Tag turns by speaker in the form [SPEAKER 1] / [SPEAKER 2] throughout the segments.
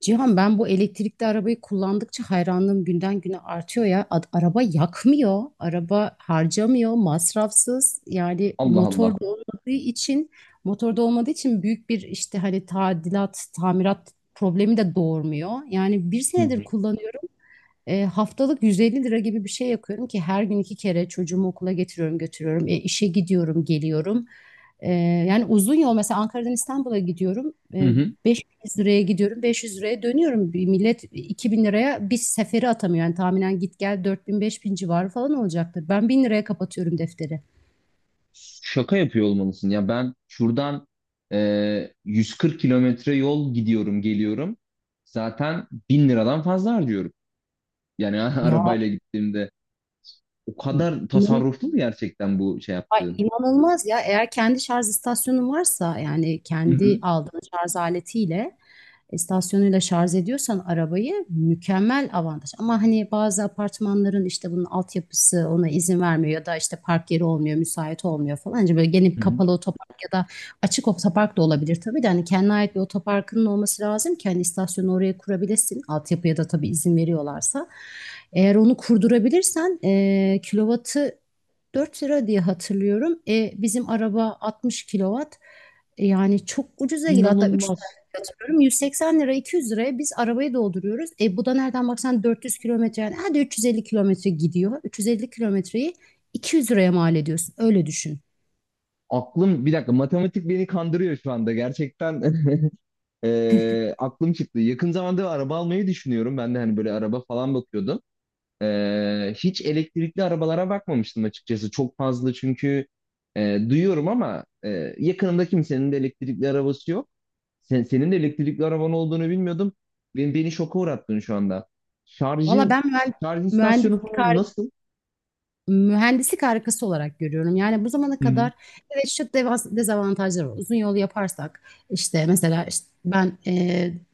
[SPEAKER 1] Cihan, ben bu elektrikli arabayı kullandıkça hayranlığım günden güne artıyor ya. Araba yakmıyor, araba harcamıyor, masrafsız. Yani
[SPEAKER 2] Allah Allah.
[SPEAKER 1] motor da olmadığı için büyük bir işte hani tadilat, tamirat problemi de doğurmuyor. Yani bir
[SPEAKER 2] Hı
[SPEAKER 1] senedir
[SPEAKER 2] hı.
[SPEAKER 1] kullanıyorum. Haftalık 150 lira gibi bir şey yapıyorum ki her gün iki kere çocuğumu okula getiriyorum, götürüyorum. E, işe gidiyorum, geliyorum. E, yani uzun yol, mesela Ankara'dan İstanbul'a gidiyorum.
[SPEAKER 2] Hı hı.
[SPEAKER 1] 500 liraya gidiyorum, 500 liraya dönüyorum. Bir millet 2.000 liraya bir seferi atamıyor. Yani tahminen git gel 4000 bin civarı falan olacaktır. Ben 1000 liraya kapatıyorum defteri.
[SPEAKER 2] Şaka yapıyor olmalısın. Ya ben şuradan 140 kilometre yol gidiyorum, geliyorum. Zaten 1.000 liradan fazla harcıyorum. Yani
[SPEAKER 1] Ya
[SPEAKER 2] arabayla gittiğimde o kadar tasarruflu mu gerçekten bu şey
[SPEAKER 1] Ay,
[SPEAKER 2] yaptığın?
[SPEAKER 1] inanılmaz ya. Eğer kendi şarj istasyonun varsa, yani
[SPEAKER 2] Hı
[SPEAKER 1] kendi
[SPEAKER 2] hı.
[SPEAKER 1] aldığın şarj aletiyle, istasyonuyla şarj ediyorsan arabayı, mükemmel avantaj. Ama hani bazı apartmanların işte bunun altyapısı ona izin vermiyor ya da işte park yeri olmuyor, müsait olmuyor falan. Hani böyle
[SPEAKER 2] Hı
[SPEAKER 1] gelip
[SPEAKER 2] hı.
[SPEAKER 1] kapalı otopark ya da açık otopark da olabilir tabii, de hani kendine ait bir otoparkının olması lazım ki hani istasyonu oraya kurabilesin. Altyapıya da tabii izin veriyorlarsa. Eğer onu kurdurabilirsen, kilovatı 4 lira diye hatırlıyorum. Bizim araba 60 kilowatt. Yani çok ucuza geliyor. Hatta 3 lira
[SPEAKER 2] İnanılmaz.
[SPEAKER 1] diye hatırlıyorum. 180 lira, 200 liraya biz arabayı dolduruyoruz. Bu da nereden baksan 400 kilometre, yani hadi 350 kilometre gidiyor. 350 kilometreyi 200 liraya mal ediyorsun. Öyle düşün.
[SPEAKER 2] Aklım bir dakika matematik beni kandırıyor şu anda gerçekten. Aklım çıktı. Yakın zamanda araba almayı düşünüyorum. Ben de hani böyle araba falan bakıyordum. Hiç elektrikli arabalara bakmamıştım açıkçası. Çok fazla çünkü e, duyuyorum ama yakınımda kimsenin de elektrikli arabası yok. Sen, senin de elektrikli araban olduğunu bilmiyordum. Beni şoka uğrattın şu anda.
[SPEAKER 1] Valla
[SPEAKER 2] Şarjı,
[SPEAKER 1] ben
[SPEAKER 2] şarj istasyonu
[SPEAKER 1] mühendislik
[SPEAKER 2] falan nasıl?
[SPEAKER 1] mühendislik harikası olarak görüyorum. Yani bu zamana
[SPEAKER 2] Hı hı,
[SPEAKER 1] kadar evet, şu dezavantajlar var. Uzun yolu yaparsak, işte mesela işte ben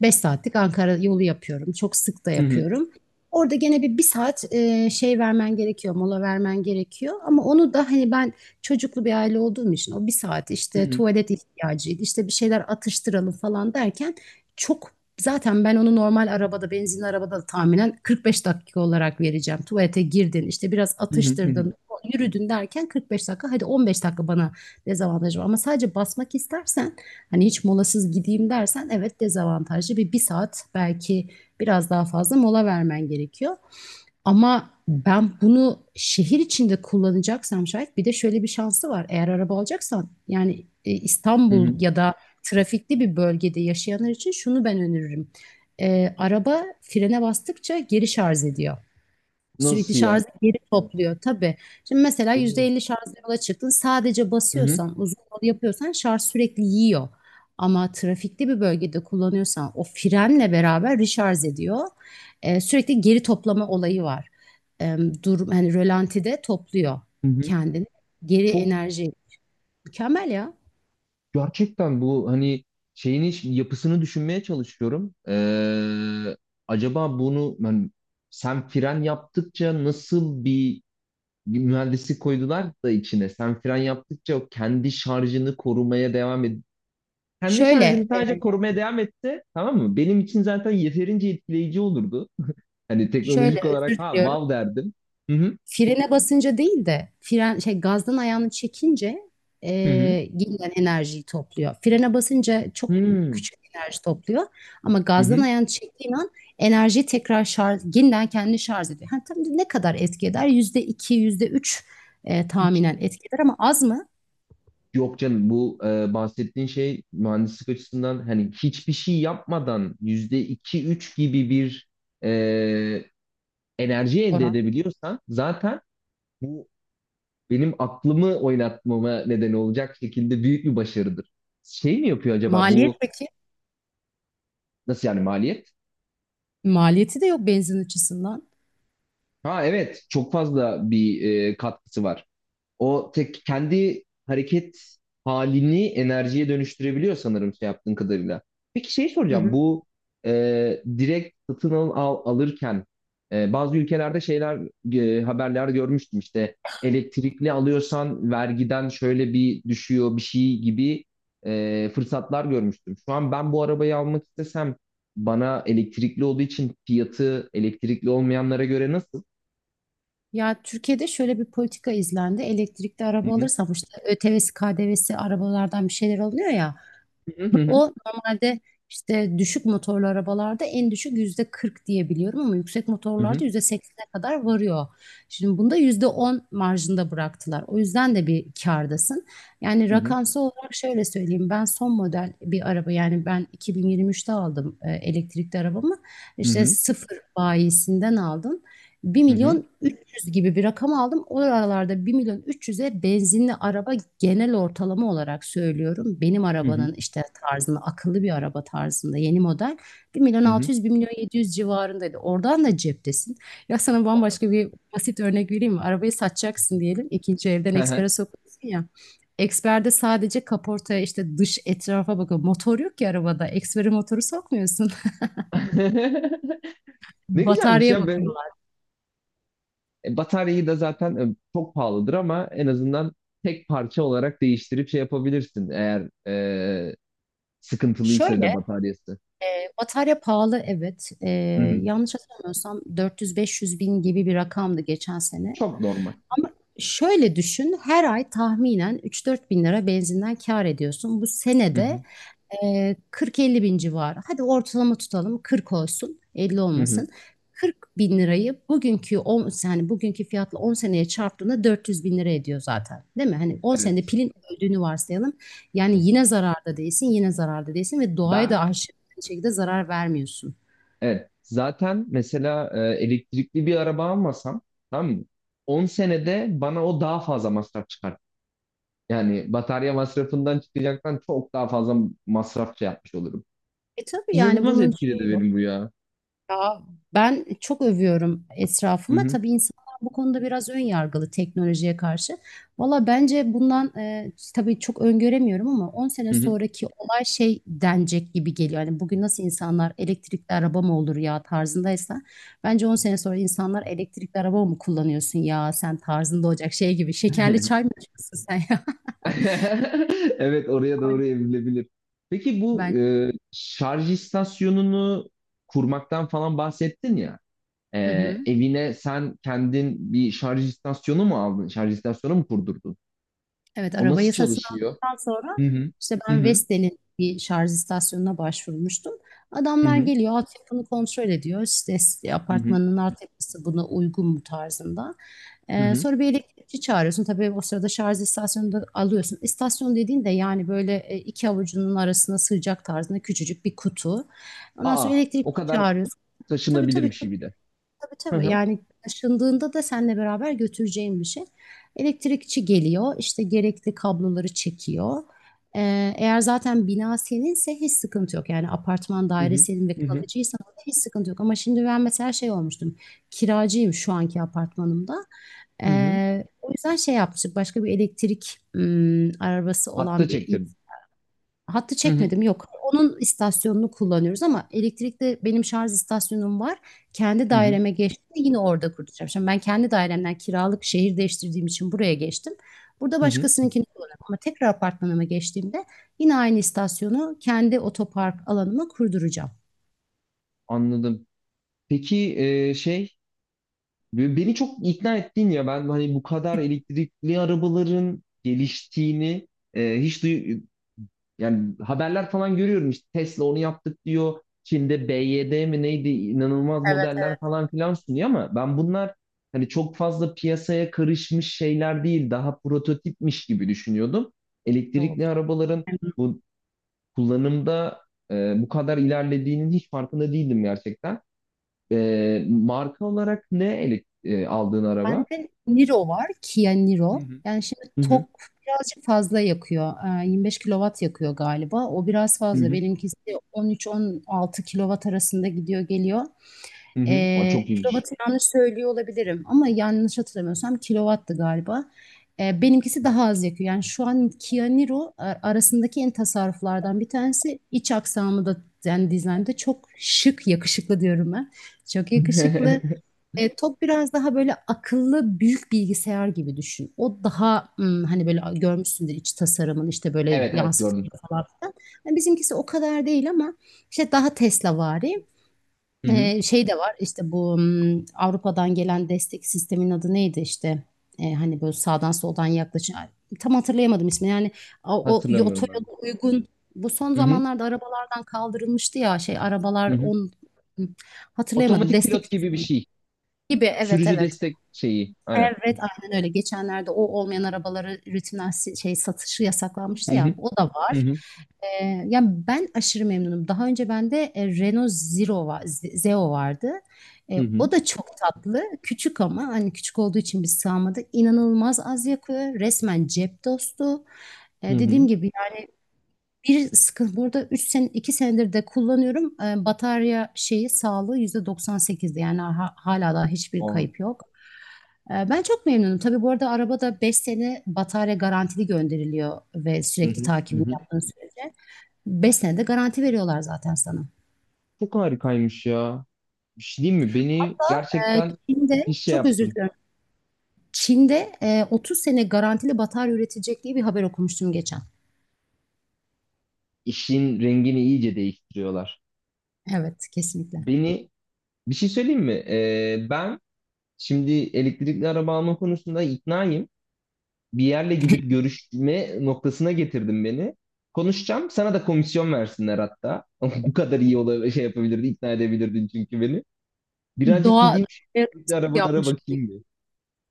[SPEAKER 1] 5 saatlik Ankara yolu yapıyorum. Çok sık da
[SPEAKER 2] hı hı,
[SPEAKER 1] yapıyorum. Orada gene bir saat şey vermen gerekiyor, mola vermen gerekiyor. Ama onu da hani ben çocuklu bir aile olduğum için o bir saat
[SPEAKER 2] hı
[SPEAKER 1] işte
[SPEAKER 2] hı,
[SPEAKER 1] tuvalet ihtiyacıydı, işte bir şeyler atıştıralım falan derken çok zaten ben onu normal arabada, benzinli arabada da tahminen 45 dakika olarak vereceğim. Tuvalete girdin, işte biraz
[SPEAKER 2] hı hı, hı hı,
[SPEAKER 1] atıştırdın, yürüdün derken 45 dakika. Hadi 15 dakika bana dezavantajı var. Ama sadece basmak istersen, hani hiç molasız gideyim dersen, evet, dezavantajlı. Bir saat belki biraz daha fazla mola vermen gerekiyor. Ama ben bunu şehir içinde kullanacaksam şayet, bir de şöyle bir şansı var. Eğer araba alacaksan, yani
[SPEAKER 2] hı
[SPEAKER 1] İstanbul
[SPEAKER 2] hı.
[SPEAKER 1] ya da trafikli bir bölgede yaşayanlar için şunu ben öneririm. Araba frene bastıkça geri şarj ediyor. Sürekli
[SPEAKER 2] Nasıl ya?
[SPEAKER 1] şarjı geri topluyor tabii. Şimdi mesela
[SPEAKER 2] Hı hı,
[SPEAKER 1] %50 şarjla yola çıktın. Sadece
[SPEAKER 2] hı hı.
[SPEAKER 1] basıyorsan, uzun yol yapıyorsan, şarj sürekli yiyor. Ama trafikli bir bölgede kullanıyorsan o frenle beraber recharge ediyor. Sürekli geri toplama olayı var. Ee, hani rölantide topluyor
[SPEAKER 2] Hı hı.
[SPEAKER 1] kendini. Geri
[SPEAKER 2] Çok.
[SPEAKER 1] enerji. Mükemmel ya.
[SPEAKER 2] Gerçekten bu hani şeyin yapısını düşünmeye çalışıyorum. Acaba bunu ben, sen fren yaptıkça nasıl bir mühendislik koydular da içine? Sen fren yaptıkça o kendi şarjını korumaya devam etti. Kendi
[SPEAKER 1] Şöyle,
[SPEAKER 2] şarjını
[SPEAKER 1] e,
[SPEAKER 2] sadece korumaya devam etti, tamam mı? Benim için zaten yeterince etkileyici olurdu. Hani
[SPEAKER 1] şöyle,
[SPEAKER 2] teknolojik olarak
[SPEAKER 1] özür
[SPEAKER 2] ha,
[SPEAKER 1] diliyorum.
[SPEAKER 2] wow derdim. Hı hı.
[SPEAKER 1] Frene basınca değil de, fren gazdan ayağını çekince, e,
[SPEAKER 2] Hı
[SPEAKER 1] gelen enerjiyi topluyor. Frene basınca
[SPEAKER 2] hı.
[SPEAKER 1] çok
[SPEAKER 2] Hı
[SPEAKER 1] küçük enerji topluyor ama
[SPEAKER 2] hı. Hı.
[SPEAKER 1] gazdan
[SPEAKER 2] Hı.
[SPEAKER 1] ayağını çektiğin an enerjiyi tekrar şarj, yeniden kendini şarj ediyor. Ha, tam ne kadar etki eder? %2, %3
[SPEAKER 2] Hiç.
[SPEAKER 1] tahminen etki eder, ama az mı
[SPEAKER 2] Yok canım, bahsettiğin şey mühendislik açısından hani hiçbir şey yapmadan %2-3 gibi bir e, enerji elde
[SPEAKER 1] oran?
[SPEAKER 2] edebiliyorsan zaten bu benim aklımı oynatmama neden olacak şekilde büyük bir başarıdır. Şey mi yapıyor acaba
[SPEAKER 1] Maliyet
[SPEAKER 2] bu?
[SPEAKER 1] peki?
[SPEAKER 2] Nasıl yani maliyet?
[SPEAKER 1] Maliyeti de yok benzin açısından.
[SPEAKER 2] Ha evet, çok fazla bir katkısı var. O tek kendi hareket halini enerjiye dönüştürebiliyor sanırım şey yaptığın kadarıyla. Peki şey
[SPEAKER 1] Hı
[SPEAKER 2] soracağım,
[SPEAKER 1] hı.
[SPEAKER 2] bu direkt satın alırken bazı ülkelerde şeyler, haberler görmüştüm işte, elektrikli alıyorsan vergiden şöyle bir düşüyor bir şey gibi fırsatlar görmüştüm. Şu an ben bu arabayı almak istesem bana elektrikli olduğu için fiyatı elektrikli olmayanlara göre nasıl?
[SPEAKER 1] Ya, Türkiye'de şöyle bir politika izlendi. Elektrikli
[SPEAKER 2] Hı
[SPEAKER 1] araba
[SPEAKER 2] hı.
[SPEAKER 1] alırsam işte ÖTV'si, KDV'si, arabalardan bir şeyler alınıyor ya.
[SPEAKER 2] Hı hı.
[SPEAKER 1] O normalde işte düşük motorlu arabalarda en düşük %40 diye biliyorum ama yüksek
[SPEAKER 2] Hı
[SPEAKER 1] motorlarda
[SPEAKER 2] hı.
[SPEAKER 1] yüzde 80'e kadar varıyor. Şimdi bunda %10 marjında bıraktılar. O yüzden de bir kârdasın. Yani
[SPEAKER 2] Hı
[SPEAKER 1] rakamsal olarak şöyle söyleyeyim. Ben son model bir araba, yani ben 2023'te aldım elektrikli arabamı.
[SPEAKER 2] hı. Hı
[SPEAKER 1] İşte
[SPEAKER 2] hı.
[SPEAKER 1] sıfır bayisinden aldım. Bir
[SPEAKER 2] Hı.
[SPEAKER 1] milyon yüz gibi bir rakam aldım. O aralarda 1 milyon 300'e benzinli araba, genel ortalama olarak söylüyorum, benim
[SPEAKER 2] Hı hı.
[SPEAKER 1] arabanın işte tarzında, akıllı bir araba tarzında yeni model 1 milyon
[SPEAKER 2] Hı hı.
[SPEAKER 1] 600, 1 milyon 700 civarındaydı. Oradan da ceptesin. Ya, sana bambaşka bir basit örnek vereyim mi? Arabayı satacaksın diyelim. İkinci evden
[SPEAKER 2] Hı hı.
[SPEAKER 1] ekspere sokuyorsun ya. Eksperde sadece kaportaya, işte dış etrafa bakıyor. Motor yok ki arabada. Ekspere motoru sokmuyorsun.
[SPEAKER 2] Ne güzelmiş
[SPEAKER 1] Bataryaya
[SPEAKER 2] ya. Ve
[SPEAKER 1] bakıyorlar.
[SPEAKER 2] bataryayı da zaten çok pahalıdır ama en azından tek parça olarak değiştirip şey yapabilirsin, eğer sıkıntılıysa
[SPEAKER 1] Şöyle
[SPEAKER 2] da bataryası.
[SPEAKER 1] Batarya pahalı, evet. E,
[SPEAKER 2] Hı hı.
[SPEAKER 1] yanlış hatırlamıyorsam 400-500 bin gibi bir rakamdı geçen sene.
[SPEAKER 2] Çok normal.
[SPEAKER 1] Ama şöyle düşün, her ay tahminen 3-4 bin lira benzinden kâr ediyorsun. Bu
[SPEAKER 2] Hı
[SPEAKER 1] senede
[SPEAKER 2] hı.
[SPEAKER 1] 40-50 bin civarı. Hadi ortalama tutalım. 40 olsun, 50
[SPEAKER 2] Hı hı.
[SPEAKER 1] olmasın. 40 bin lirayı bugünkü 10, yani bugünkü fiyatla 10 seneye çarptığında 400 bin lira ediyor zaten. Değil mi? Hani 10 senede
[SPEAKER 2] Evet.
[SPEAKER 1] pilin öldüğünü varsayalım.
[SPEAKER 2] Hı.
[SPEAKER 1] Yani yine zararda değilsin, yine zararda değilsin, ve doğaya da
[SPEAKER 2] Ben,
[SPEAKER 1] aşırı bir şekilde zarar vermiyorsun.
[SPEAKER 2] evet. Zaten mesela elektrikli bir araba almasam, tamam mı? 10 senede bana o daha fazla masraf çıkar. Yani batarya masrafından çıkacaktan çok daha fazla masraf şey yapmış olurum.
[SPEAKER 1] E tabii yani
[SPEAKER 2] İnanılmaz
[SPEAKER 1] bunun
[SPEAKER 2] etkiledi
[SPEAKER 1] şey
[SPEAKER 2] benim bu ya.
[SPEAKER 1] Ya, ben çok övüyorum
[SPEAKER 2] Hı
[SPEAKER 1] etrafıma.
[SPEAKER 2] hı.
[SPEAKER 1] Tabii insanlar bu konuda biraz ön yargılı teknolojiye karşı. Valla bence bundan, tabii çok öngöremiyorum, ama 10 sene
[SPEAKER 2] Hı hı.
[SPEAKER 1] sonraki olay şey denecek gibi geliyor. Yani bugün nasıl insanlar elektrikli araba mı olur ya tarzındaysa, bence 10 sene sonra insanlar elektrikli araba mı kullanıyorsun ya sen tarzında olacak, şey gibi. Şekerli çay mı içiyorsun sen ya?
[SPEAKER 2] Evet, oraya doğru evrilebilir. Peki bu
[SPEAKER 1] Ben.
[SPEAKER 2] şarj istasyonunu kurmaktan falan bahsettin ya. E,
[SPEAKER 1] Hı hı.
[SPEAKER 2] Evine sen kendin bir şarj istasyonu mu aldın? Şarj istasyonu mu kurdurdun?
[SPEAKER 1] Evet,
[SPEAKER 2] O nasıl
[SPEAKER 1] arabayı satın
[SPEAKER 2] çalışıyor?
[SPEAKER 1] aldıktan sonra
[SPEAKER 2] Hı hı.
[SPEAKER 1] işte
[SPEAKER 2] Hı
[SPEAKER 1] ben
[SPEAKER 2] hı.
[SPEAKER 1] Vestel'in bir şarj istasyonuna başvurmuştum.
[SPEAKER 2] Hı
[SPEAKER 1] Adamlar
[SPEAKER 2] hı.
[SPEAKER 1] geliyor, altyapını kontrol ediyor. İşte
[SPEAKER 2] Hı hı.
[SPEAKER 1] apartmanın altyapısı buna uygun mu tarzında.
[SPEAKER 2] Hı
[SPEAKER 1] Ee,
[SPEAKER 2] hı.
[SPEAKER 1] sonra bir elektrikçi çağırıyorsun. Tabii o sırada şarj istasyonunu da alıyorsun. İstasyon dediğin de yani böyle iki avucunun arasına sığacak tarzında küçücük bir kutu. Ondan sonra
[SPEAKER 2] Aa, o
[SPEAKER 1] elektrikçi
[SPEAKER 2] kadar
[SPEAKER 1] çağırıyorsun. Tabii
[SPEAKER 2] taşınabilir
[SPEAKER 1] tabii.
[SPEAKER 2] bir şey bir de. Hı
[SPEAKER 1] Tabii
[SPEAKER 2] hı.
[SPEAKER 1] Yani taşındığında da seninle beraber götüreceğim bir şey. Elektrikçi geliyor, işte gerekli kabloları çekiyor. Eğer zaten bina seninse hiç sıkıntı yok. Yani apartman
[SPEAKER 2] Hı
[SPEAKER 1] daire
[SPEAKER 2] hı.
[SPEAKER 1] senin ve
[SPEAKER 2] Hı hı.
[SPEAKER 1] kalıcıysan orada hiç sıkıntı yok. Ama şimdi ben mesela şey olmuştum. Kiracıyım şu anki apartmanımda.
[SPEAKER 2] Hı hı.
[SPEAKER 1] O yüzden şey yapmıştık. Başka bir elektrik arabası
[SPEAKER 2] Hatta
[SPEAKER 1] olan
[SPEAKER 2] çektirdim.
[SPEAKER 1] hattı
[SPEAKER 2] Hı hı.
[SPEAKER 1] çekmedim, yok. Onun istasyonunu kullanıyoruz ama elektrikte benim şarj istasyonum var. Kendi
[SPEAKER 2] Hı hı.
[SPEAKER 1] daireme geçtiğimde yine orada kuracağım. Şimdi ben kendi dairemden kiralık şehir değiştirdiğim için buraya geçtim. Burada
[SPEAKER 2] Hı hı.
[SPEAKER 1] başkasınınkini kullanıyorum ama tekrar apartmanıma geçtiğimde yine aynı istasyonu kendi otopark alanıma kurduracağım.
[SPEAKER 2] Anladım. Peki şey, beni çok ikna ettin ya. Ben hani bu kadar elektrikli arabaların geliştiğini e, hiç duy yani haberler falan görüyorum işte, Tesla onu yaptık diyor. Çin'de BYD mi neydi, inanılmaz
[SPEAKER 1] Evet, evet.
[SPEAKER 2] modeller falan filan sunuyor ama ben bunlar hani çok fazla piyasaya karışmış şeyler değil, daha prototipmiş gibi düşünüyordum.
[SPEAKER 1] Yok.
[SPEAKER 2] Elektrikli arabaların bu kullanımda bu kadar ilerlediğinin hiç farkında değildim gerçekten. Marka olarak aldığın araba?
[SPEAKER 1] Bende Niro var. Kia
[SPEAKER 2] Hı
[SPEAKER 1] Niro.
[SPEAKER 2] hı.
[SPEAKER 1] Yani şimdi
[SPEAKER 2] Hı hı.
[SPEAKER 1] tok birazcık fazla yakıyor. 25 kilowatt yakıyor galiba. O biraz
[SPEAKER 2] Hı
[SPEAKER 1] fazla.
[SPEAKER 2] hı.
[SPEAKER 1] Benimkisi 13-16 kilowatt arasında gidiyor geliyor.
[SPEAKER 2] Hı hı. Aa,
[SPEAKER 1] E,
[SPEAKER 2] çok iyiymiş.
[SPEAKER 1] kilovatı yanlış söylüyor olabilirim ama yanlış hatırlamıyorsam kilovattı galiba. Benimkisi daha az yakıyor. Yani şu an Kia Niro arasındaki en tasarruflardan bir tanesi. İç aksamı da, yani dizaynda çok şık, yakışıklı diyorum ben. Çok yakışıklı. Top biraz daha böyle akıllı büyük bilgisayar gibi düşün. O daha hani böyle görmüşsündür, iç tasarımın işte böyle
[SPEAKER 2] Evet evet,
[SPEAKER 1] yansıtıklı
[SPEAKER 2] gördüm.
[SPEAKER 1] falan filan. Yani bizimkisi o kadar değil ama işte daha Tesla'vari.
[SPEAKER 2] Hı hı.
[SPEAKER 1] Şey de var işte bu Avrupa'dan gelen destek sistemin adı neydi işte. Hani böyle sağdan soldan yaklaşan, ay, tam hatırlayamadım ismini, yani
[SPEAKER 2] Hatırlamıyorum ben de.
[SPEAKER 1] otoyola uygun, bu son
[SPEAKER 2] Hı hı.
[SPEAKER 1] zamanlarda arabalardan kaldırılmıştı ya şey
[SPEAKER 2] Hı
[SPEAKER 1] arabalar
[SPEAKER 2] hı.
[SPEAKER 1] on. Hı, hatırlayamadım
[SPEAKER 2] Otomatik
[SPEAKER 1] destek
[SPEAKER 2] pilot gibi bir şey.
[SPEAKER 1] gibi. Evet,
[SPEAKER 2] Sürücü
[SPEAKER 1] evet,
[SPEAKER 2] destek şeyi. Aynen.
[SPEAKER 1] Evet, aynen öyle. Geçenlerde o olmayan arabaları rutinler şey satışı
[SPEAKER 2] Hı
[SPEAKER 1] yasaklanmıştı ya.
[SPEAKER 2] hı.
[SPEAKER 1] O da
[SPEAKER 2] Hı
[SPEAKER 1] var.
[SPEAKER 2] hı.
[SPEAKER 1] Yani ben aşırı memnunum. Daha önce bende Renault Zero var, Zeo vardı.
[SPEAKER 2] Hı
[SPEAKER 1] E,
[SPEAKER 2] hı.
[SPEAKER 1] o da çok tatlı. Küçük, ama hani küçük olduğu için biz sığamadık. İnanılmaz az yakıyor. Resmen cep dostu.
[SPEAKER 2] Hı
[SPEAKER 1] Dediğim
[SPEAKER 2] hı.
[SPEAKER 1] gibi yani, bir sıkıntı, burada 3 sene 2 senedir de kullanıyorum. Batarya şeyi sağlığı %98'di. Yani hala daha hiçbir
[SPEAKER 2] Aa,
[SPEAKER 1] kayıp yok. Ben çok memnunum. Tabii bu arada arabada 5 sene batarya garantili gönderiliyor ve
[SPEAKER 2] hı
[SPEAKER 1] sürekli
[SPEAKER 2] hı. Hı
[SPEAKER 1] takibini
[SPEAKER 2] hı.
[SPEAKER 1] yaptığın sürece 5 sene de garanti veriyorlar zaten sana.
[SPEAKER 2] Çok harikaymış ya. Bir şey diyeyim mi? Beni
[SPEAKER 1] Ee,
[SPEAKER 2] gerçekten
[SPEAKER 1] Çin'de
[SPEAKER 2] müthiş şey
[SPEAKER 1] çok özür
[SPEAKER 2] yaptın.
[SPEAKER 1] diliyorum. Çin'de 30 sene garantili batarya üretilecek diye bir haber okumuştum geçen.
[SPEAKER 2] İşin rengini iyice değiştiriyorlar.
[SPEAKER 1] Evet, kesinlikle.
[SPEAKER 2] Beni Bir şey söyleyeyim mi? Ben Şimdi elektrikli araba alma konusunda iknayım. Bir yerle gidip görüşme noktasına getirdim beni. Konuşacağım. Sana da komisyon versinler hatta. Bu kadar iyi şey yapabilirdin, ikna edebilirdin çünkü beni. Birazcık
[SPEAKER 1] Doğa
[SPEAKER 2] gideyim şu
[SPEAKER 1] Evet,
[SPEAKER 2] elektrikli arabalara
[SPEAKER 1] yapmış olayım.
[SPEAKER 2] bakayım bir.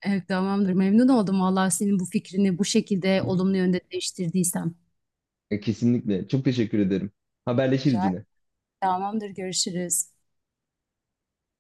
[SPEAKER 1] Evet, tamamdır. Memnun oldum vallahi, senin bu fikrini bu şekilde
[SPEAKER 2] Hı hı.
[SPEAKER 1] olumlu yönde değiştirdiysem.
[SPEAKER 2] Kesinlikle. Çok teşekkür ederim.
[SPEAKER 1] Rica
[SPEAKER 2] Haberleşiriz
[SPEAKER 1] ederim.
[SPEAKER 2] yine.
[SPEAKER 1] Tamamdır. Görüşürüz.